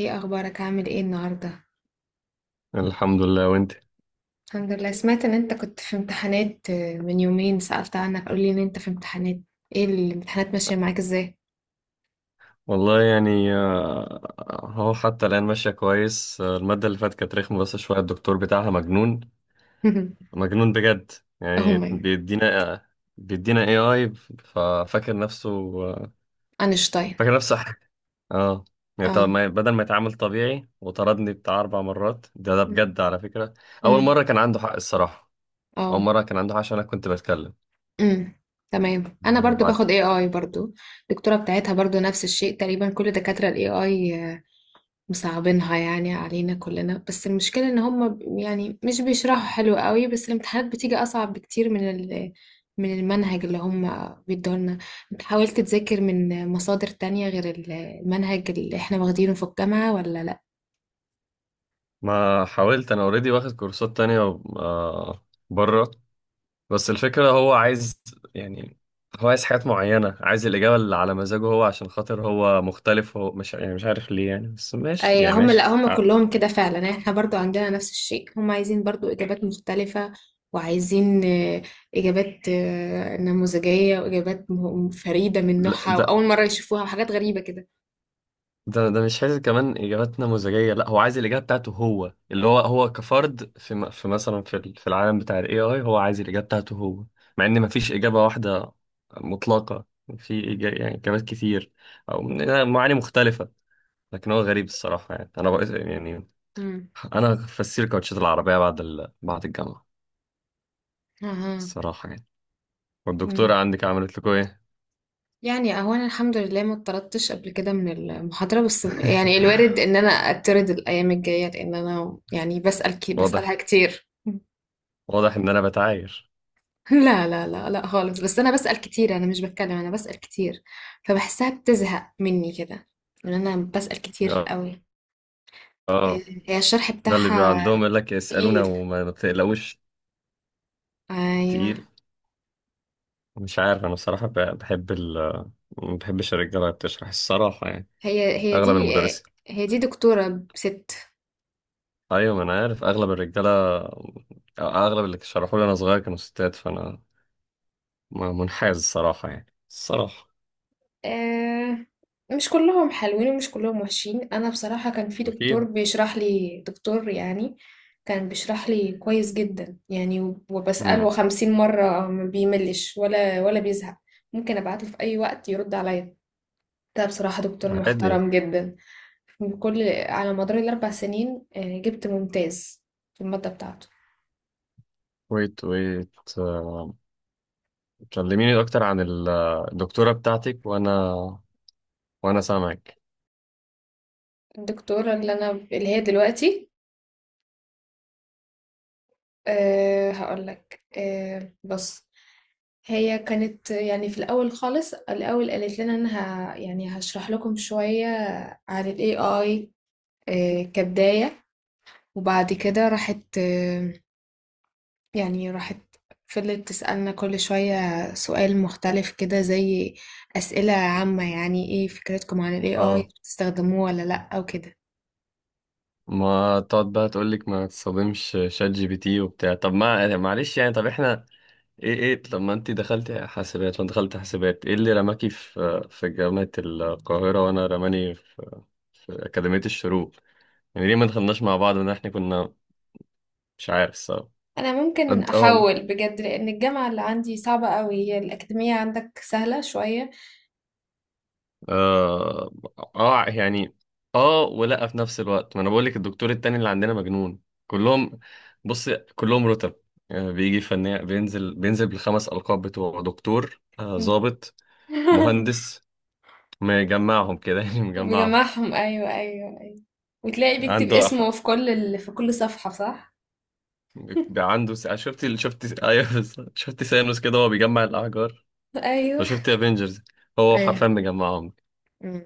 ايه اخبارك؟ عامل ايه النهارده؟ الحمد لله. وانت؟ الحمد لله. سمعت ان انت كنت في امتحانات، من يومين سألت عنك، قولي ان انت في امتحانات. ايه الامتحانات ماشيه معاك ازاي؟ والله يعني هو حتى الآن ماشية كويس. المادة اللي فاتت كانت رخمة بس شوية، الدكتور بتاعها مجنون، مجنون بجد. يعني هم. بيدينا، بيدينا اي اي، ففاكر نفسه آه، اينشتاين. فاكر نفسه حاجة. اه يعني طب اه. ما بدل ما يتعامل طبيعي، وطردني بتاع أربع مرات، ده مم. بجد على فكرة. أول مم. مرة كان عنده حق الصراحة، أول اه. مرة كان عنده حق عشان أنا كنت بتكلم. مم. تمام، انا آه، برضو بعد باخد اي اي برضو. الدكتوره بتاعتها برضو نفس الشيء تقريبا، كل دكاتره الاي اي مصعبينها يعني علينا كلنا، بس المشكلة ان هم يعني مش بيشرحوا حلو قوي، بس الامتحانات بتيجي اصعب بكتير من من المنهج اللي هم بيدولنا. انت حاولت تذاكر من مصادر تانية غير المنهج اللي احنا واخدينه في الجامعة ولا لا؟ ما حاولت أنا أوريدي واخد كورسات تانية، آه، بره. بس الفكرة، هو عايز يعني، هو عايز حاجات معينة، عايز الإجابة اللي على مزاجه هو، عشان خاطر هو مختلف. هو مش يعني، مش عارف ليه يعني، بس ماشي اي يعني هم، لا ماشي هم كلهم كده فعلا، يعني احنا برضو عندنا نفس الشيء. هم عايزين برضو اجابات مختلفة، وعايزين اجابات نموذجية، واجابات فريدة من لا. نوعها، ده واول مرة يشوفوها، وحاجات غريبة كده. ده ده مش عايز كمان إجابات نموذجية، لا هو عايز الإجابة بتاعته هو، اللي هو كفرد في مثلا في العالم بتاع ال AI، هو عايز الإجابة بتاعته هو، مع إن مفيش إجابة واحدة مطلقة. يعني إجابات كتير أو معاني مختلفة. لكن هو غريب الصراحة يعني. أنا بقى يعني، امم. انا فسير كاوتشات العربيه بعد بعد الجامعه اها. الصراحه يعني. مم. والدكتوره عندك عملت لكم ايه؟ يعني اهو انا الحمد لله ما اتطردتش قبل كده من المحاضرة، بس يعني الوارد ان انا اتطرد الايام الجاية، لان انا يعني بسأل واضح، بسألها كتير. واضح ان انا بتعاير. لا لا لا لا خالص، بس انا بسأل كتير، انا مش بتكلم، انا بسأل كتير، فبحسها بتزهق مني كده ان انا بسأل كتير اه، قوي. اه، هي الشرح ده اللي بيبقى بتاعها عندهم يقول لك اسالونا تقيل. وما ما بتقلقوش ايوه. التقيل. مش عارف انا بصراحه، بحب ال، ما بحبش الرجاله اللي بتشرح الصراحه يعني، هي هي اغلب دي المدرسين. هي دي دكتورة ست. ايوه ما انا عارف اغلب الرجاله أو اغلب اللي شرحوا لي انا صغير كانوا ستات، فانا منحاز الصراحه يعني الصراحه. آه، مش كلهم حلوين ومش كلهم وحشين، انا بصراحة كان في دكتور اكيد. بيشرح لي، دكتور يعني كان بيشرح لي كويس جدا يعني، امم. وبسأله 50 مرة ما بيملش ولا بيزهق، ممكن ابعته في اي وقت يرد عليا. ده بصراحة دكتور عادي. محترم جدا بكل على مدار الـ4 سنين جبت ممتاز في المادة بتاعته. ويت ويت، آه، كلميني اكتر عن الدكتورة بتاعتك، وانا، وانا سامعك. الدكتورة اللي هي دلوقتي، هقول لك، بص، هي كانت يعني في الأول خالص، الأول قالت لنا أنا يعني هشرح لكم شوية عن ال AI، كبداية، وبعد كده راحت أه يعني راحت فضلت تسألنا كل شوية سؤال مختلف كده، زي أسئلة عامة، يعني إيه فكرتكم عن ال AI، اه بتستخدموه ولا لأ، أو كده. ما تقعد بقى تقول لك ما تصدمش شات جي بي تي وبتاع، طب ما معلش يعني، طب احنا، ايه ايه؟ طب ما انت دخلتي حاسبات وانا دخلت حاسبات، ايه اللي رماكي في جامعة القاهرة وانا رماني في, في أكاديمية الشروق؟ يعني ليه ما دخلناش مع بعض، ان احنا كنا مش عارف سوا. أنا ممكن اه، أحاول بجد، لأن الجامعة اللي عندي صعبة أوي، هي الأكاديمية عندك سهلة شوية. اه، يعني اه. ولا في نفس الوقت ما انا بقول لك الدكتور التاني اللي عندنا مجنون، كلهم. بص، كلهم رتب، يعني بيجي فنان بينزل بالخمس القاب بتوعه: دكتور، ضابط، مهندس، مجمعهم كده يعني مجمعهم. بجمعهم، ايوه ايوه ايوه. وتلاقي بيكتب عنده أح...، اسمه في كل ال... في كل صفحة، صح؟ عنده س...، شفت شفت؟ ايوه بالظبط. شفت سانوس كده وهو بيجمع الاحجار؟ لو ايوه. شفت افنجرز، هو حرفيا ايه. مجمعهم. مم.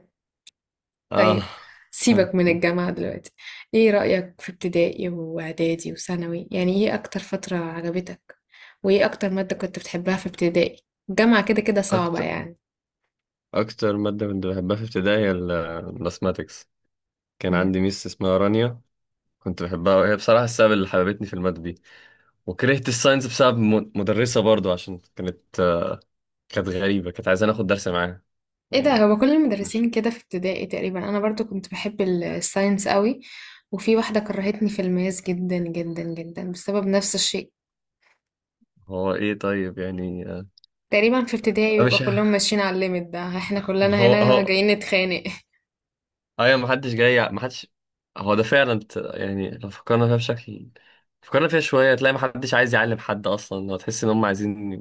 اه. طيب، سيبك من الجامعة دلوقتي، ايه رأيك في ابتدائي واعدادي وثانوي؟ يعني ايه اكتر فترة عجبتك، وايه اكتر مادة كنت بتحبها في ابتدائي؟ الجامعة كده كده صعبة اكتر، يعني. اكتر ماده كنت بحبها في ابتدائي هي الماثماتكس. كان مم. عندي ميس اسمها رانيا، كنت بحبها، وهي بصراحة السبب اللي حببتني في المادة دي. وكرهت الساينس بسبب مدرسة برضو، عشان كانت، كانت غريبة، كانت عايزة ناخد درس معاها ايه ده، يعني. هو كل مش، المدرسين كده في ابتدائي تقريبا انا برضو كنت بحب ال- الساينس قوي وفي واحدة كرهتني في الماس جدا جدا جدا بسبب نفس الشيء هو ايه طيب يعني، تقريبا في ابتدائي بيبقى مش، كلهم ماشيين على الليميت ده احنا ما كلنا هو هنا هو، جايين نتخانق ايوه ما حدش جاي، ما حدش، هو ده فعلا يعني لو فكرنا فيها بشكل، فكرنا فيها شوية تلاقي ما حدش عايز يعلم حد اصلا، وتحس ان هم عايزين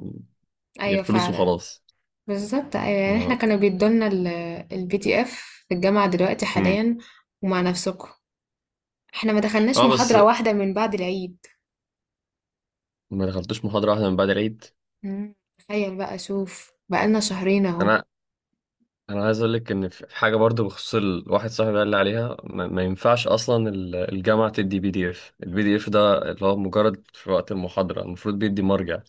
ايوه الفلوس فعلا وخلاص. بالظبط ايوه يعني اللي احنا هو، كانوا بيدولنا البي دي اف في الجامعة دلوقتي مم. حاليا ومع نفسكم احنا ما دخلناش اه بس. محاضرة واحدة من بعد العيد ما دخلتوش محاضرة واحدة من بعد العيد؟ مم، تخيل بقى شوف بقالنا شهرين اهو انا انا عايز اقول لك ان في حاجه برضو بخصوص الواحد، صاحبي قال لي عليها، ما ينفعش اصلا الجامعه تدي بي دي اف، البي دي اف ده اللي هو مجرد في وقت المحاضره، المفروض بيدي مرجع.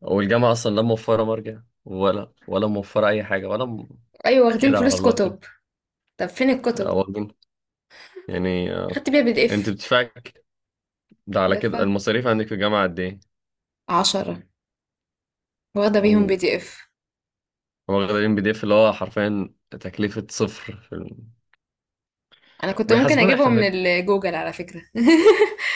والجامعه اصلا لا موفره مرجع ولا موفره اي حاجه ولا م...، ايوه واخدين كده على فلوس الله كده. كتب طب فين الكتب واخدين يعني، خدت بيها بي دي انت اف بتدفعي، ده على كده دفع المصاريف عندك في الجامعه قد ايه؟ عشرة واخدة بيهم بي اوه. دي اف هو واخدين بي دي اف اللي هو حرفيا تكلفه صفر في الم...، انا كنت ممكن بيحاسبونا احنا اجيبهم من الجوجل على فكرة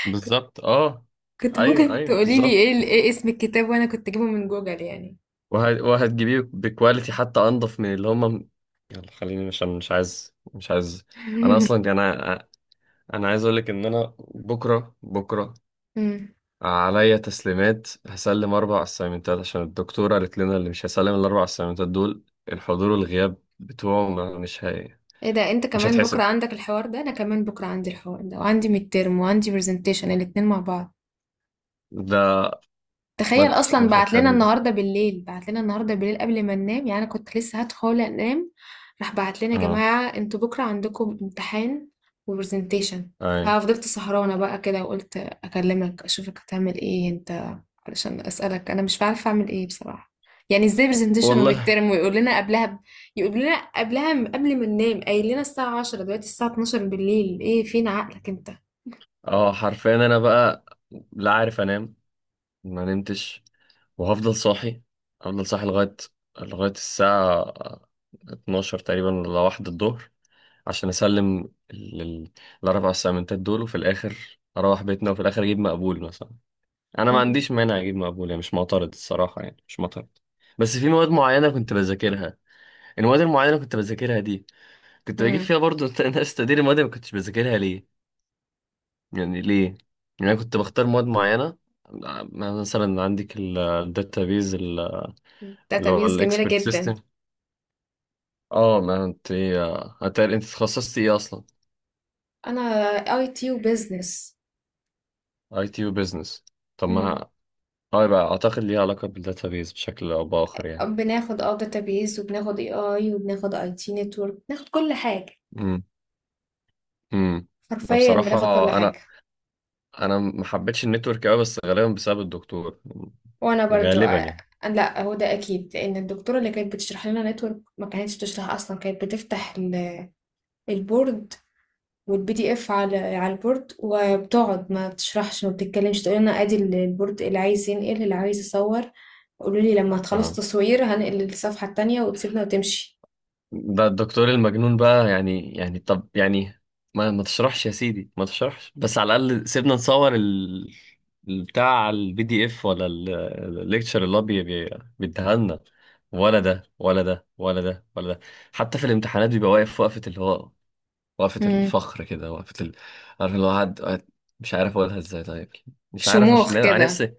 بالظبط اه. كنت ايوه ممكن ايوه تقولي لي بالظبط، ايه ايه اسم الكتاب وانا كنت اجيبه من جوجل يعني وهتجيبيه بكواليتي حتى انضف من اللي هم. يلا خليني عشان مش عايز، انا اصلا انا انا عايز اقول لك ان انا بكره، بكره مم. عليا تسليمات، هسلم اربع اسايمنتات، عشان الدكتوره قالت لنا اللي مش هيسلم الاربع اسايمنتات دول، الحضور والغياب بتوعه مش هي...، ايه ده انت مش كمان بكره هتحسب. عندك الحوار ده؟ انا كمان بكره عندي الحوار ده، وعندي ميد ترم وعندي برزنتيشن الاتنين مع بعض. ده ما تخيل، ما اصلا بعت لنا فكرنيش. النهارده بالليل، بعت لنا النهارده بالليل قبل ما ننام، يعني انا كنت لسه هدخل انام، راح بعت لنا يا اه جماعه انتوا بكره عندكم امتحان وبرزنتيشن. اي ففضلت سهرانه بقى كده، وقلت اكلمك اشوفك هتعمل ايه انت، علشان اسالك، انا مش عارفه اعمل ايه بصراحه. يعني ازاي برزنتيشن والله. وميد ترم، ويقول لنا قبلها ب... يقول لنا قبلها م- قبل ما ننام، قايل لنا الساعه 10 دلوقتي الساعه 12 بالليل، ايه فين عقلك انت؟ اه حرفيا انا بقى لا عارف انام، ما نمتش. وهفضل صاحي، هفضل صاحي لغاية الساعة 12 تقريبا ولا واحدة الظهر، عشان أسلم ال- ال- الأربع أسايمنتات دول. وفي الآخر أروح بيتنا، وفي الآخر أجيب مقبول مثلا. أنا ما امم. عنديش مانع أجيب مقبول يعني، مش معترض الصراحة يعني، مش معترض. بس في مواد معينة كنت بذاكرها، المواد المعينة اللي كنت بذاكرها دي كنت بجيب امم. فيها برضو ناس تقدير، المواد اللي ما كنتش بذاكرها ليه يعني، ليه يعني؟ أنا كنت بختار مواد معينة، مثلا عندك الداتابيز، اللي هو داتابيز جميله الاكسبرت جدا. سيستم. اه ما انت ايه، هتقل انت اتخصصت ايه اصلا؟ انا اي تي وبزنس. اي تي وبزنس؟ طب امم. ما اه، يبقى اعتقد ليها علاقه بالداتابيز بشكل او باخر يعني. بناخد داتابيز، وبناخد اي اي، وبناخد اي تي نتورك، بناخد كل حاجة، امم. امم. حرفيا بصراحه، بناخد كل انا حاجة. انا ما حبيتش النتورك قوي، بس غالبا بسبب الدكتور، وانا برضو غالبا يعني. لا، هو ده اكيد، لان الدكتورة اللي كانت بتشرح لنا نتورك ما كانتش بتشرح اصلا، كانت بتفتح البورد والبي دي اف على البورد، وبتقعد ما بتشرحش ما بتتكلمش، تقول لنا ادي البورد، اللي عايز ينقل اللي عايز يصور، قولوا لي لما تخلص اه تصوير هنقل للصفحة التانية، وتسيبنا وتمشي. ده الدكتور المجنون بقى يعني، يعني طب يعني ما تشرحش يا سيدي، ما تشرحش بس على الأقل سيبنا نصور ال بتاع البي دي اف ولا الليكتشر اللي هو بيديها لنا. ولا ده. حتى في الامتحانات بيبقى واقف وقفة اللي هو، وقفة امم. الفخر كده، وقفة ال...، عارف اللي هو قاعد مش عارف اقولها ازاي طيب، مش عارف عشان شموخ انا كده. نفسي،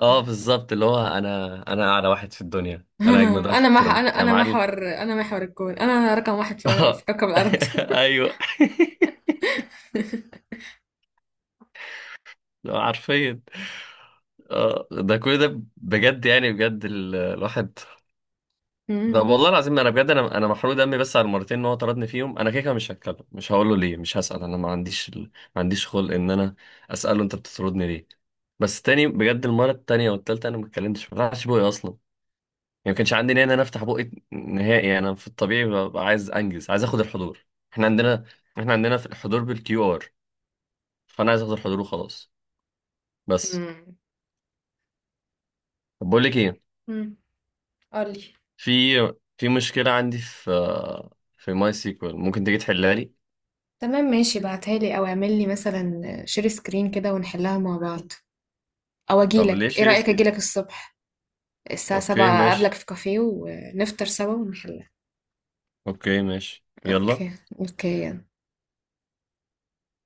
اه بالظبط، اللي هو انا اعلى واحد في الدنيا، انا اجمد واحد في انا مح الكون انا يا انا معلم. محور انا محور الكون، انا رقم واحد في في اه كوكب الارض. ايوه حرفيا. اه ده كل ده بجد يعني، بجد الواحد. طب مم. والله العظيم انا بجد، انا محروق دمي بس على المرتين ان هو طردني فيهم. انا كده كده مش هتكلم، مش هقول له ليه، مش هسأل. انا ما عنديش ال...، ما عنديش خلق ان انا اسأله انت بتطردني ليه، بس تاني بجد. المره التانيه والتالته انا ما اتكلمتش، ما فتحتش بوقي اصلا، يعني ما كانش عندي نيه ان انا افتح بوقي نهائي. انا في الطبيعي ببقى عايز انجز، عايز اخد الحضور. احنا عندنا احنا عندنا في الحضور بالكيو ار، فانا عايز اخد الحضور وخلاص بس. مم. طب بقول لك ايه، امم. قولي. في في مشكله عندي في، في ماي سيكوال، ممكن تيجي تحلها لي؟ تمام، ماشي، بعتها لي او اعمل لي مثلا شير سكرين كده ونحلها مع بعض، او طب اجيلك، ليش ايه رأيك ريسك. اجيلك الصبح الساعة اوكي سبعة اقابلك ماشي، في كافيه ونفطر سوا ونحلها. اوكي ماشي يلا. اوكي. اوكي.